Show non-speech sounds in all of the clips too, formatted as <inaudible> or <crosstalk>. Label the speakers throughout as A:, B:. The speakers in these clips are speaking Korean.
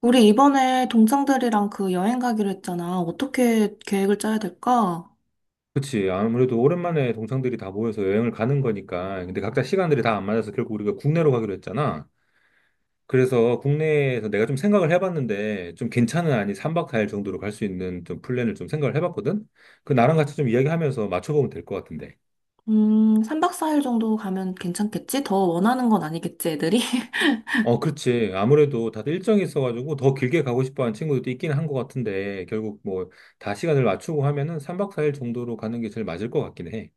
A: 우리 이번에 동창들이랑 그 여행 가기로 했잖아. 어떻게 계획을 짜야 될까?
B: 그치. 아무래도 오랜만에 동창들이 다 모여서 여행을 가는 거니까. 근데 각자 시간들이 다 안 맞아서 결국 우리가 국내로 가기로 했잖아. 그래서 국내에서 내가 좀 생각을 해봤는데 좀 괜찮은, 아니 3박 4일 정도로 갈 수 있는 좀 플랜을 좀 생각을 해봤거든? 그 나랑 같이 좀 이야기하면서 맞춰보면 될 것 같은데.
A: 3박 4일 정도 가면 괜찮겠지? 더 원하는 건 아니겠지, 애들이? <laughs>
B: 어, 그렇지. 아무래도 다들 일정이 있어가지고 더 길게 가고 싶어 하는 친구들도 있긴 한 것 같은데, 결국 뭐 다 시간을 맞추고 하면은 3박 4일 정도로 가는 게 제일 맞을 것 같긴 해.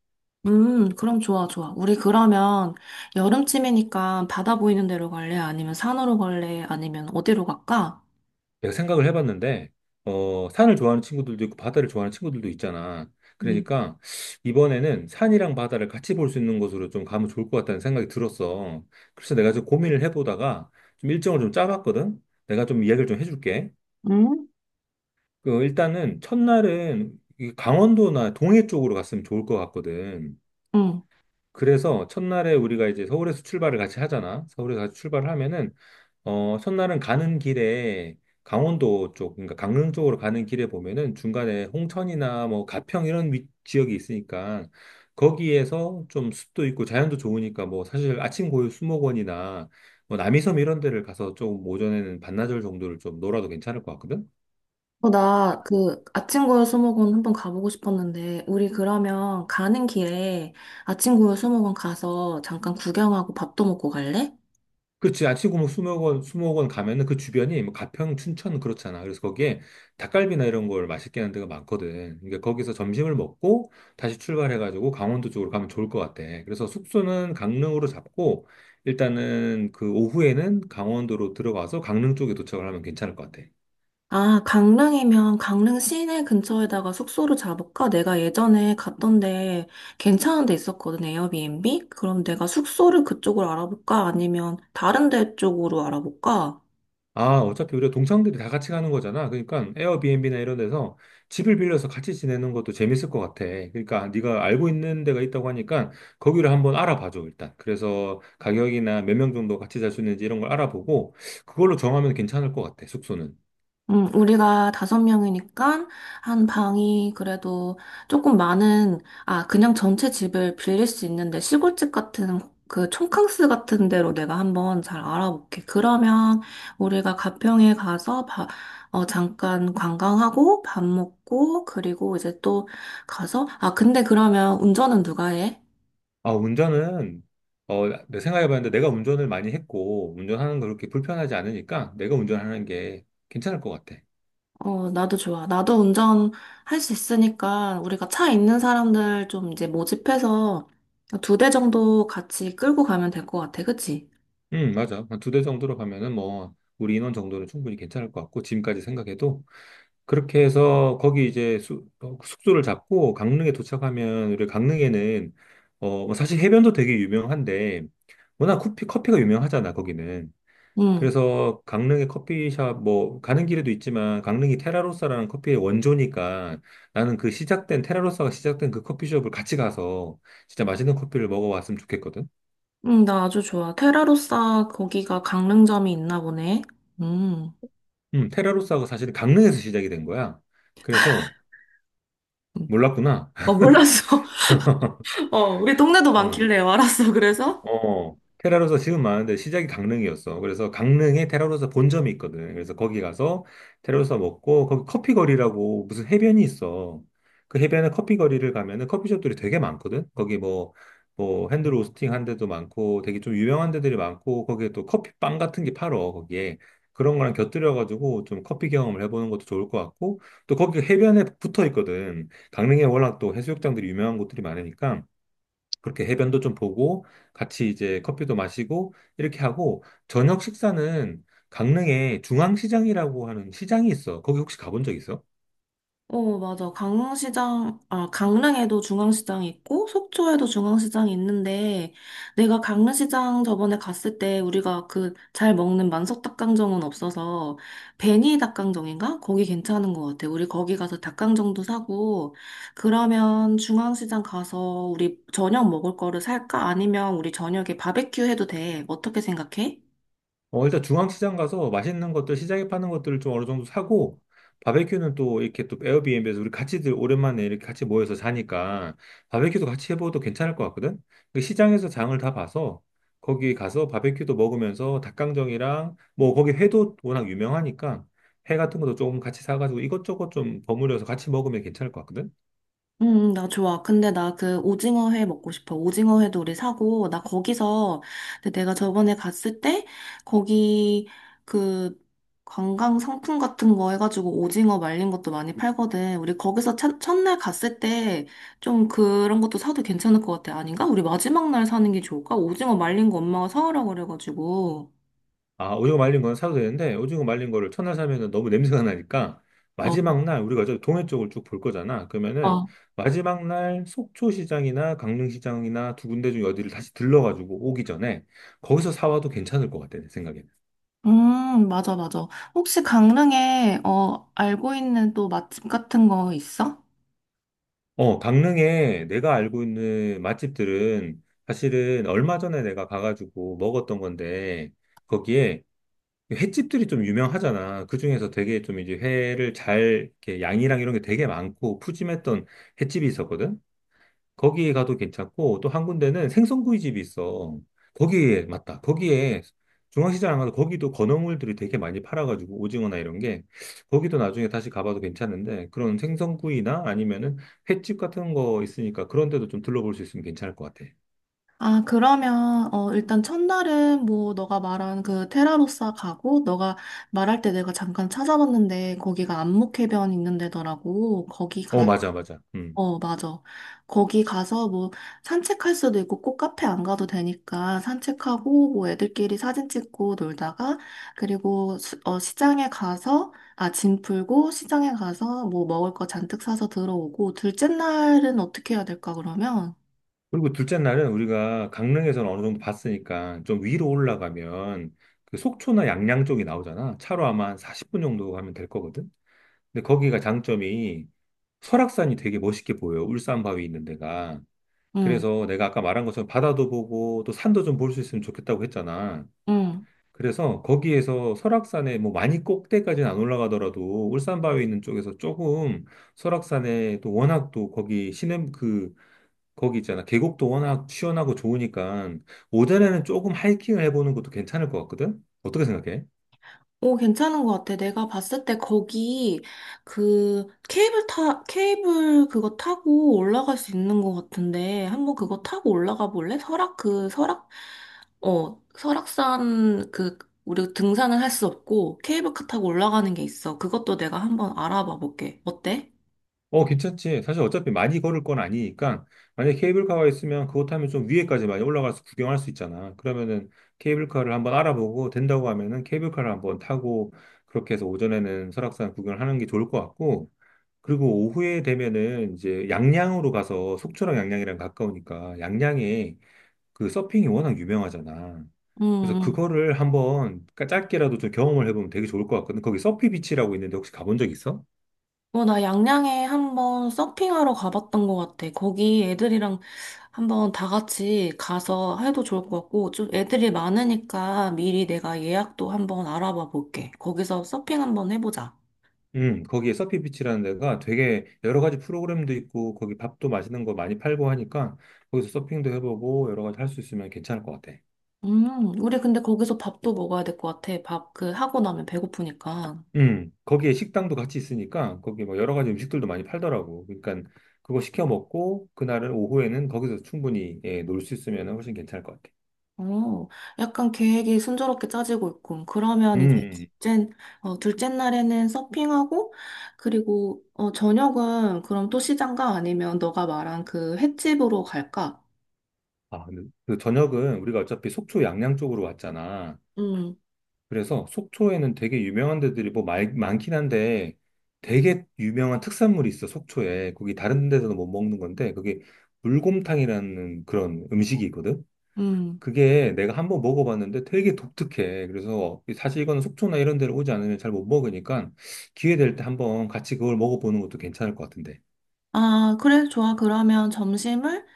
A: 그럼 좋아, 좋아. 우리 그러면 여름쯤이니까 바다 보이는 데로 갈래? 아니면 산으로 갈래? 아니면 어디로 갈까?
B: 내가 생각을 해봤는데, 산을 좋아하는 친구들도 있고, 바다를 좋아하는 친구들도 있잖아.
A: 음.
B: 그러니까 이번에는 산이랑 바다를 같이 볼 수 있는 곳으로 좀 가면 좋을 것 같다는 생각이 들었어. 그래서 내가 좀 고민을 해보다가 좀 일정을 좀 짜봤거든? 내가 좀 이야기를 좀 해줄게.
A: 응?
B: 그, 일단은 첫날은 이 강원도나 동해 쪽으로 갔으면 좋을 것 같거든.
A: 응.
B: 그래서 첫날에 우리가 이제 서울에서 출발을 같이 하잖아. 서울에서 같이 출발을 하면은, 첫날은 가는 길에 강원도 쪽, 그러니까 강릉 쪽으로 가는 길에 보면은 중간에 홍천이나 뭐 가평 이런 지역이 있으니까 거기에서 좀 숲도 있고 자연도 좋으니까 뭐 사실 아침고요 수목원이나 뭐 남이섬 이런 데를 가서 좀 오전에는 반나절 정도를 좀 놀아도 괜찮을 것 같거든?
A: 아침고요 수목원 한번 가보고 싶었는데, 우리 그러면 가는 길에 아침고요 수목원 가서 잠깐 구경하고 밥도 먹고 갈래?
B: 그렇지. 아치구무 수목원, 가면은 그 주변이 뭐 가평, 춘천 그렇잖아. 그래서 거기에 닭갈비나 이런 걸 맛있게 하는 데가 많거든. 그러니까 거기서 점심을 먹고 다시 출발해가지고 강원도 쪽으로 가면 좋을 것 같아. 그래서 숙소는 강릉으로 잡고 일단은 그 오후에는 강원도로 들어가서 강릉 쪽에 도착을 하면 괜찮을 것 같아.
A: 아, 강릉이면 강릉 시내 근처에다가 숙소를 잡을까? 내가 예전에 갔던데 괜찮은 데 있었거든, 에어비앤비? 그럼 내가 숙소를 그쪽으로 알아볼까? 아니면 다른 데 쪽으로 알아볼까?
B: 아, 어차피 우리가 동창들이 다 같이 가는 거잖아. 그러니까 에어비앤비나 이런 데서 집을 빌려서 같이 지내는 것도 재밌을 것 같아. 그러니까 네가 알고 있는 데가 있다고 하니까 거기를 한번 알아봐줘, 일단. 그래서 가격이나 몇 명 정도 같이 잘 수 있는지 이런 걸 알아보고 그걸로 정하면 괜찮을 것 같아, 숙소는.
A: 우리가 다섯 명이니까 한 방이 그래도 조금 그냥 전체 집을 빌릴 수 있는데 시골집 같은 그 촌캉스 같은 데로 내가 한번 잘 알아볼게. 그러면 우리가 가평에 가서 잠깐 관광하고 밥 먹고 그리고 이제 또 근데 그러면 운전은 누가 해?
B: 아, 운전은, 내 생각해봤는데 내가 운전을 많이 했고 운전하는 거 그렇게 불편하지 않으니까 내가 운전하는 게 괜찮을 것 같아.
A: 어, 나도 좋아. 나도 운전할 수 있으니까 우리가 차 있는 사람들 좀 이제 모집해서 2대 정도 같이 끌고 가면 될 것 같아. 그치?
B: 맞아. 한 2대 정도로 가면은 뭐 우리 인원 정도는 충분히 괜찮을 것 같고, 지금까지 생각해도. 그렇게 해서 거기 이제 소를 잡고 강릉에 도착하면 우리 강릉에는, 뭐 사실 해변도 되게 유명한데, 워낙 커피가 유명하잖아, 거기는.
A: 응,
B: 그래서 강릉의 커피숍, 뭐 가는 길에도 있지만, 강릉이 테라로사라는 커피의 원조니까 나는 테라로사가 시작된 그 커피숍을 같이 가서 진짜 맛있는 커피를 먹어왔으면 좋겠거든.
A: 응, 나 아주 좋아. 테라로사 거기가 강릉점이 있나 보네. 음.
B: 테라로사가 사실 강릉에서 시작이 된 거야. 그래서
A: 음.
B: 몰랐구나.
A: 어, 몰랐어.
B: <laughs>
A: <laughs> 어, 우리 동네도
B: 어.
A: 많길래 알았어. 그래서?
B: 어, 테라로서 지금 많은데 시작이 강릉이었어. 그래서 강릉에 테라로서 본점이 있거든. 그래서 거기 가서 테라로서 먹고 거기 커피 거리라고 무슨 해변이 있어. 그 해변에 커피 거리를 가면은 커피숍들이 되게 많거든. 거기 뭐 핸드 로스팅 한 데도 많고 되게 좀 유명한 데들이 많고 거기에 또 커피빵 같은 게 팔어 거기에 그런 거랑 곁들여가지고 좀 커피 경험을 해보는 것도 좋을 것 같고 또 거기 해변에 붙어 있거든. 강릉에 워낙 또 해수욕장들이 유명한 곳들이 많으니까 그렇게 해변도 좀 보고 같이 이제 커피도 마시고 이렇게 하고, 저녁 식사는 강릉에 중앙시장이라고 하는 시장이 있어. 거기 혹시 가본 적 있어?
A: 어, 맞아. 강릉시장, 아, 강릉에도 중앙시장이 있고, 속초에도 중앙시장이 있는데, 내가 강릉시장 저번에 갔을 때 우리가 그 잘 먹는 만석닭강정은 없어서, 베니 닭강정인가? 거기 괜찮은 것 같아. 우리 거기 가서 닭강정도 사고, 그러면 중앙시장 가서 우리 저녁 먹을 거를 살까? 아니면 우리 저녁에 바베큐 해도 돼. 어떻게 생각해?
B: 어, 일단 중앙시장 가서 맛있는 것들, 시장에 파는 것들을 좀 어느 정도 사고, 바베큐는 또 이렇게 또 에어비앤비에서 우리 같이들 오랜만에 이렇게 같이 모여서 자니까 바베큐도 같이 해봐도 괜찮을 것 같거든? 그 시장에서 장을 다 봐서 거기 가서 바베큐도 먹으면서 닭강정이랑 뭐 거기 회도 워낙 유명하니까 회 같은 것도 조금 같이 사가지고 이것저것 좀 버무려서 같이 먹으면 괜찮을 것 같거든?
A: 나 좋아. 근데 나 그 오징어 회 먹고 싶어. 오징어 회도 우리 사고, 나 거기서, 근데 내가 저번에 갔을 때, 거기 그 관광 상품 같은 거 해가지고 오징어 말린 것도 많이 팔거든. 우리 거기서 첫날 갔을 때 좀 그런 것도 사도 괜찮을 것 같아. 아닌가? 우리 마지막 날 사는 게 좋을까? 오징어 말린 거 엄마가 사오라고 그래가지고.
B: 아, 오징어 말린 건 사도 되는데 오징어 말린 거를 첫날 사면은 너무 냄새가 나니까
A: 어,
B: 마지막 날, 우리가 저 동해 쪽을 쭉 볼 거잖아. 그러면은
A: 어.
B: 마지막 날 속초시장이나 강릉시장이나 2군데 중에 어디를 다시 들러가지고 오기 전에 거기서 사와도 괜찮을 것 같아, 내 생각에는.
A: 맞아, 맞아. 혹시 강릉에, 어, 알고 있는 또 맛집 같은 거 있어?
B: 어, 강릉에 내가 알고 있는 맛집들은 사실은 얼마 전에 내가 가가지고 먹었던 건데 거기에 횟집들이 좀 유명하잖아. 그중에서 되게 좀 이제 회를 잘, 이렇게 양이랑 이런 게 되게 많고 푸짐했던 횟집이 있었거든. 거기에 가도 괜찮고, 또 한 군데는 생선구이집이 있어. 거기에, 맞다. 거기에 중앙시장 안 가도 거기도 건어물들이 되게 많이 팔아가지고 오징어나 이런 게. 거기도 나중에 다시 가봐도 괜찮은데 그런 생선구이나 아니면은 횟집 같은 거 있으니까 그런 데도 좀 둘러볼 수 있으면 괜찮을 것 같아.
A: 일단 첫날은 뭐, 너가 말한 그 테라로사 가고, 너가 말할 때 내가 잠깐 찾아봤는데, 거기가 안목해변 있는 데더라고.
B: 어, 맞아, 맞아. 음.
A: 어, 맞아. 거기 가서 뭐, 산책할 수도 있고, 꼭 카페 안 가도 되니까, 산책하고, 뭐, 애들끼리 사진 찍고 놀다가, 시장에 가서, 아, 짐 풀고, 시장에 가서 뭐, 먹을 거 잔뜩 사서 들어오고, 둘째 날은 어떻게 해야 될까, 그러면?
B: 그리고 둘째 날은 우리가 강릉에서는 어느 정도 봤으니까 좀 위로 올라가면 그 속초나 양양 쪽이 나오잖아. 차로 아마 한 40분 정도 가면 될 거거든. 근데 거기가 장점이 설악산이 되게 멋있게 보여. 울산 바위 있는 데가.
A: 응,
B: 그래서 내가 아까 말한 것처럼 바다도 보고 또 산도 좀 볼 수 있으면 좋겠다고 했잖아.
A: 응.
B: 그래서 거기에서 설악산에 뭐 많이 꼭대까지는 안 올라가더라도 울산 바위 있는 쪽에서 조금 설악산에 또 워낙 또 거기 시냇 그 거기 있잖아. 계곡도 워낙 시원하고 좋으니까 오전에는 조금 하이킹을 해보는 것도 괜찮을 것 같거든? 어떻게 생각해?
A: 오, 괜찮은 것 같아. 내가 봤을 때 거기 그 케이블 그거 타고 올라갈 수 있는 것 같은데 한번 그거 타고 올라가 볼래? 설악산 그 우리 등산을 할 수 없고 케이블카 타고 올라가는 게 있어. 그것도 내가 한번 알아봐 볼게. 어때?
B: 어, 괜찮지. 사실 어차피 많이 걸을 건 아니니까 만약에 케이블카가 있으면 그것 타면 좀 위에까지 많이 올라가서 구경할 수 있잖아. 그러면은 케이블카를 한번 알아보고 된다고 하면은 케이블카를 한번 타고 그렇게 해서 오전에는 설악산 구경을 하는 게 좋을 것 같고 그리고 오후에 되면은 이제 양양으로 가서 속초랑 양양이랑 가까우니까 양양에 그 서핑이 워낙 유명하잖아.
A: 음.
B: 그래서
A: 음.
B: 그거를 한번 짧게라도 좀 경험을 해보면 되게 좋을 것 같거든. 거기 서피 비치라고 있는데 혹시 가본 적 있어?
A: 어, 나 양양에 한번 서핑하러 가봤던 것 같아. 거기 애들이랑 한번 다 같이 가서 해도 좋을 것 같고, 좀 애들이 많으니까 미리 내가 예약도 한번 알아봐 볼게. 거기서 서핑 한번 해보자.
B: 거기에 서피 비치라는 데가 되게 여러 가지 프로그램도 있고 거기 밥도 맛있는 거 많이 팔고 하니까 거기서 서핑도 해보고 여러 가지 할 수 있으면 괜찮을 것 같아.
A: 우리 근데 거기서 밥도 먹어야 될 것 같아. 밥 그 하고 나면 배고프니까.
B: 거기에 식당도 같이 있으니까 거기 뭐 여러 가지 음식들도 많이 팔더라고. 그러니까 그거 시켜 먹고 그날은 오후에는 거기서 충분히 예, 놀 수 있으면 훨씬 괜찮을 것 같아.
A: 어, 약간 계획이 순조롭게 짜지고 있군. 그러면 이제
B: 음.
A: 둘째, 둘째 날에는 서핑하고, 저녁은 그럼 또 시장가 아니면 너가 말한 그 횟집으로 갈까?
B: 아, 근데 그 저녁은 우리가 어차피 속초 양양 쪽으로 왔잖아.
A: 음,
B: 그래서 속초에는 되게 유명한 데들이 뭐 많긴 한데 되게 유명한 특산물이 있어, 속초에. 거기 다른 데서는 못 먹는 건데 그게 물곰탕이라는 그런 음식이 있거든.
A: 음.
B: 그게 내가 한번 먹어봤는데 되게 독특해. 그래서 사실 이거는 속초나 이런 데를 오지 않으면 잘 못 먹으니까 기회 될 때 한번 같이 그걸 먹어보는 것도 괜찮을 것 같은데.
A: 아, 그래, 좋아. 그러면 점심을,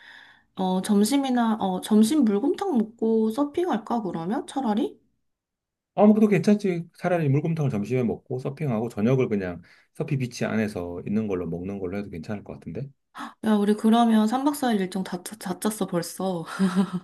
A: 어, 점심이나, 어, 점심 물곰탕 먹고 서핑할까, 그러면? 차라리?
B: 아, 뭐, 그도 괜찮지. 차라리 물곰탕을 점심에 먹고 서핑하고 저녁을 그냥 서피 비치 안에서 있는 걸로 먹는 걸로 해도 괜찮을 것 같은데?
A: 야, 우리 그러면 3박 4일 일정 다 짰어, 벌써.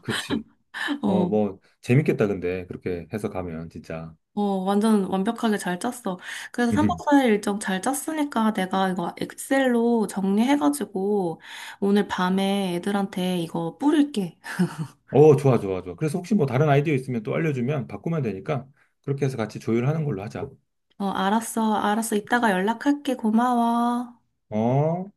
B: 그치.
A: <laughs>
B: 어,
A: 어,
B: 뭐, 재밌겠다, 근데. 그렇게 해서 가면, 진짜.
A: 어, 완전 완벽하게 잘 짰어. 그래서
B: <laughs>
A: 3박 4일 일정 잘 짰으니까 내가 이거 엑셀로 정리해가지고 오늘 밤에 애들한테 이거 뿌릴게. <laughs>
B: 어, 좋아, 좋아, 좋아. 그래서 혹시 뭐 다른 아이디어 있으면 또 알려주면 바꾸면 되니까 그렇게 해서 같이 조율하는 걸로 하자.
A: 어, 알았어, 알았어. 이따가 연락할게. 고마워.
B: 어?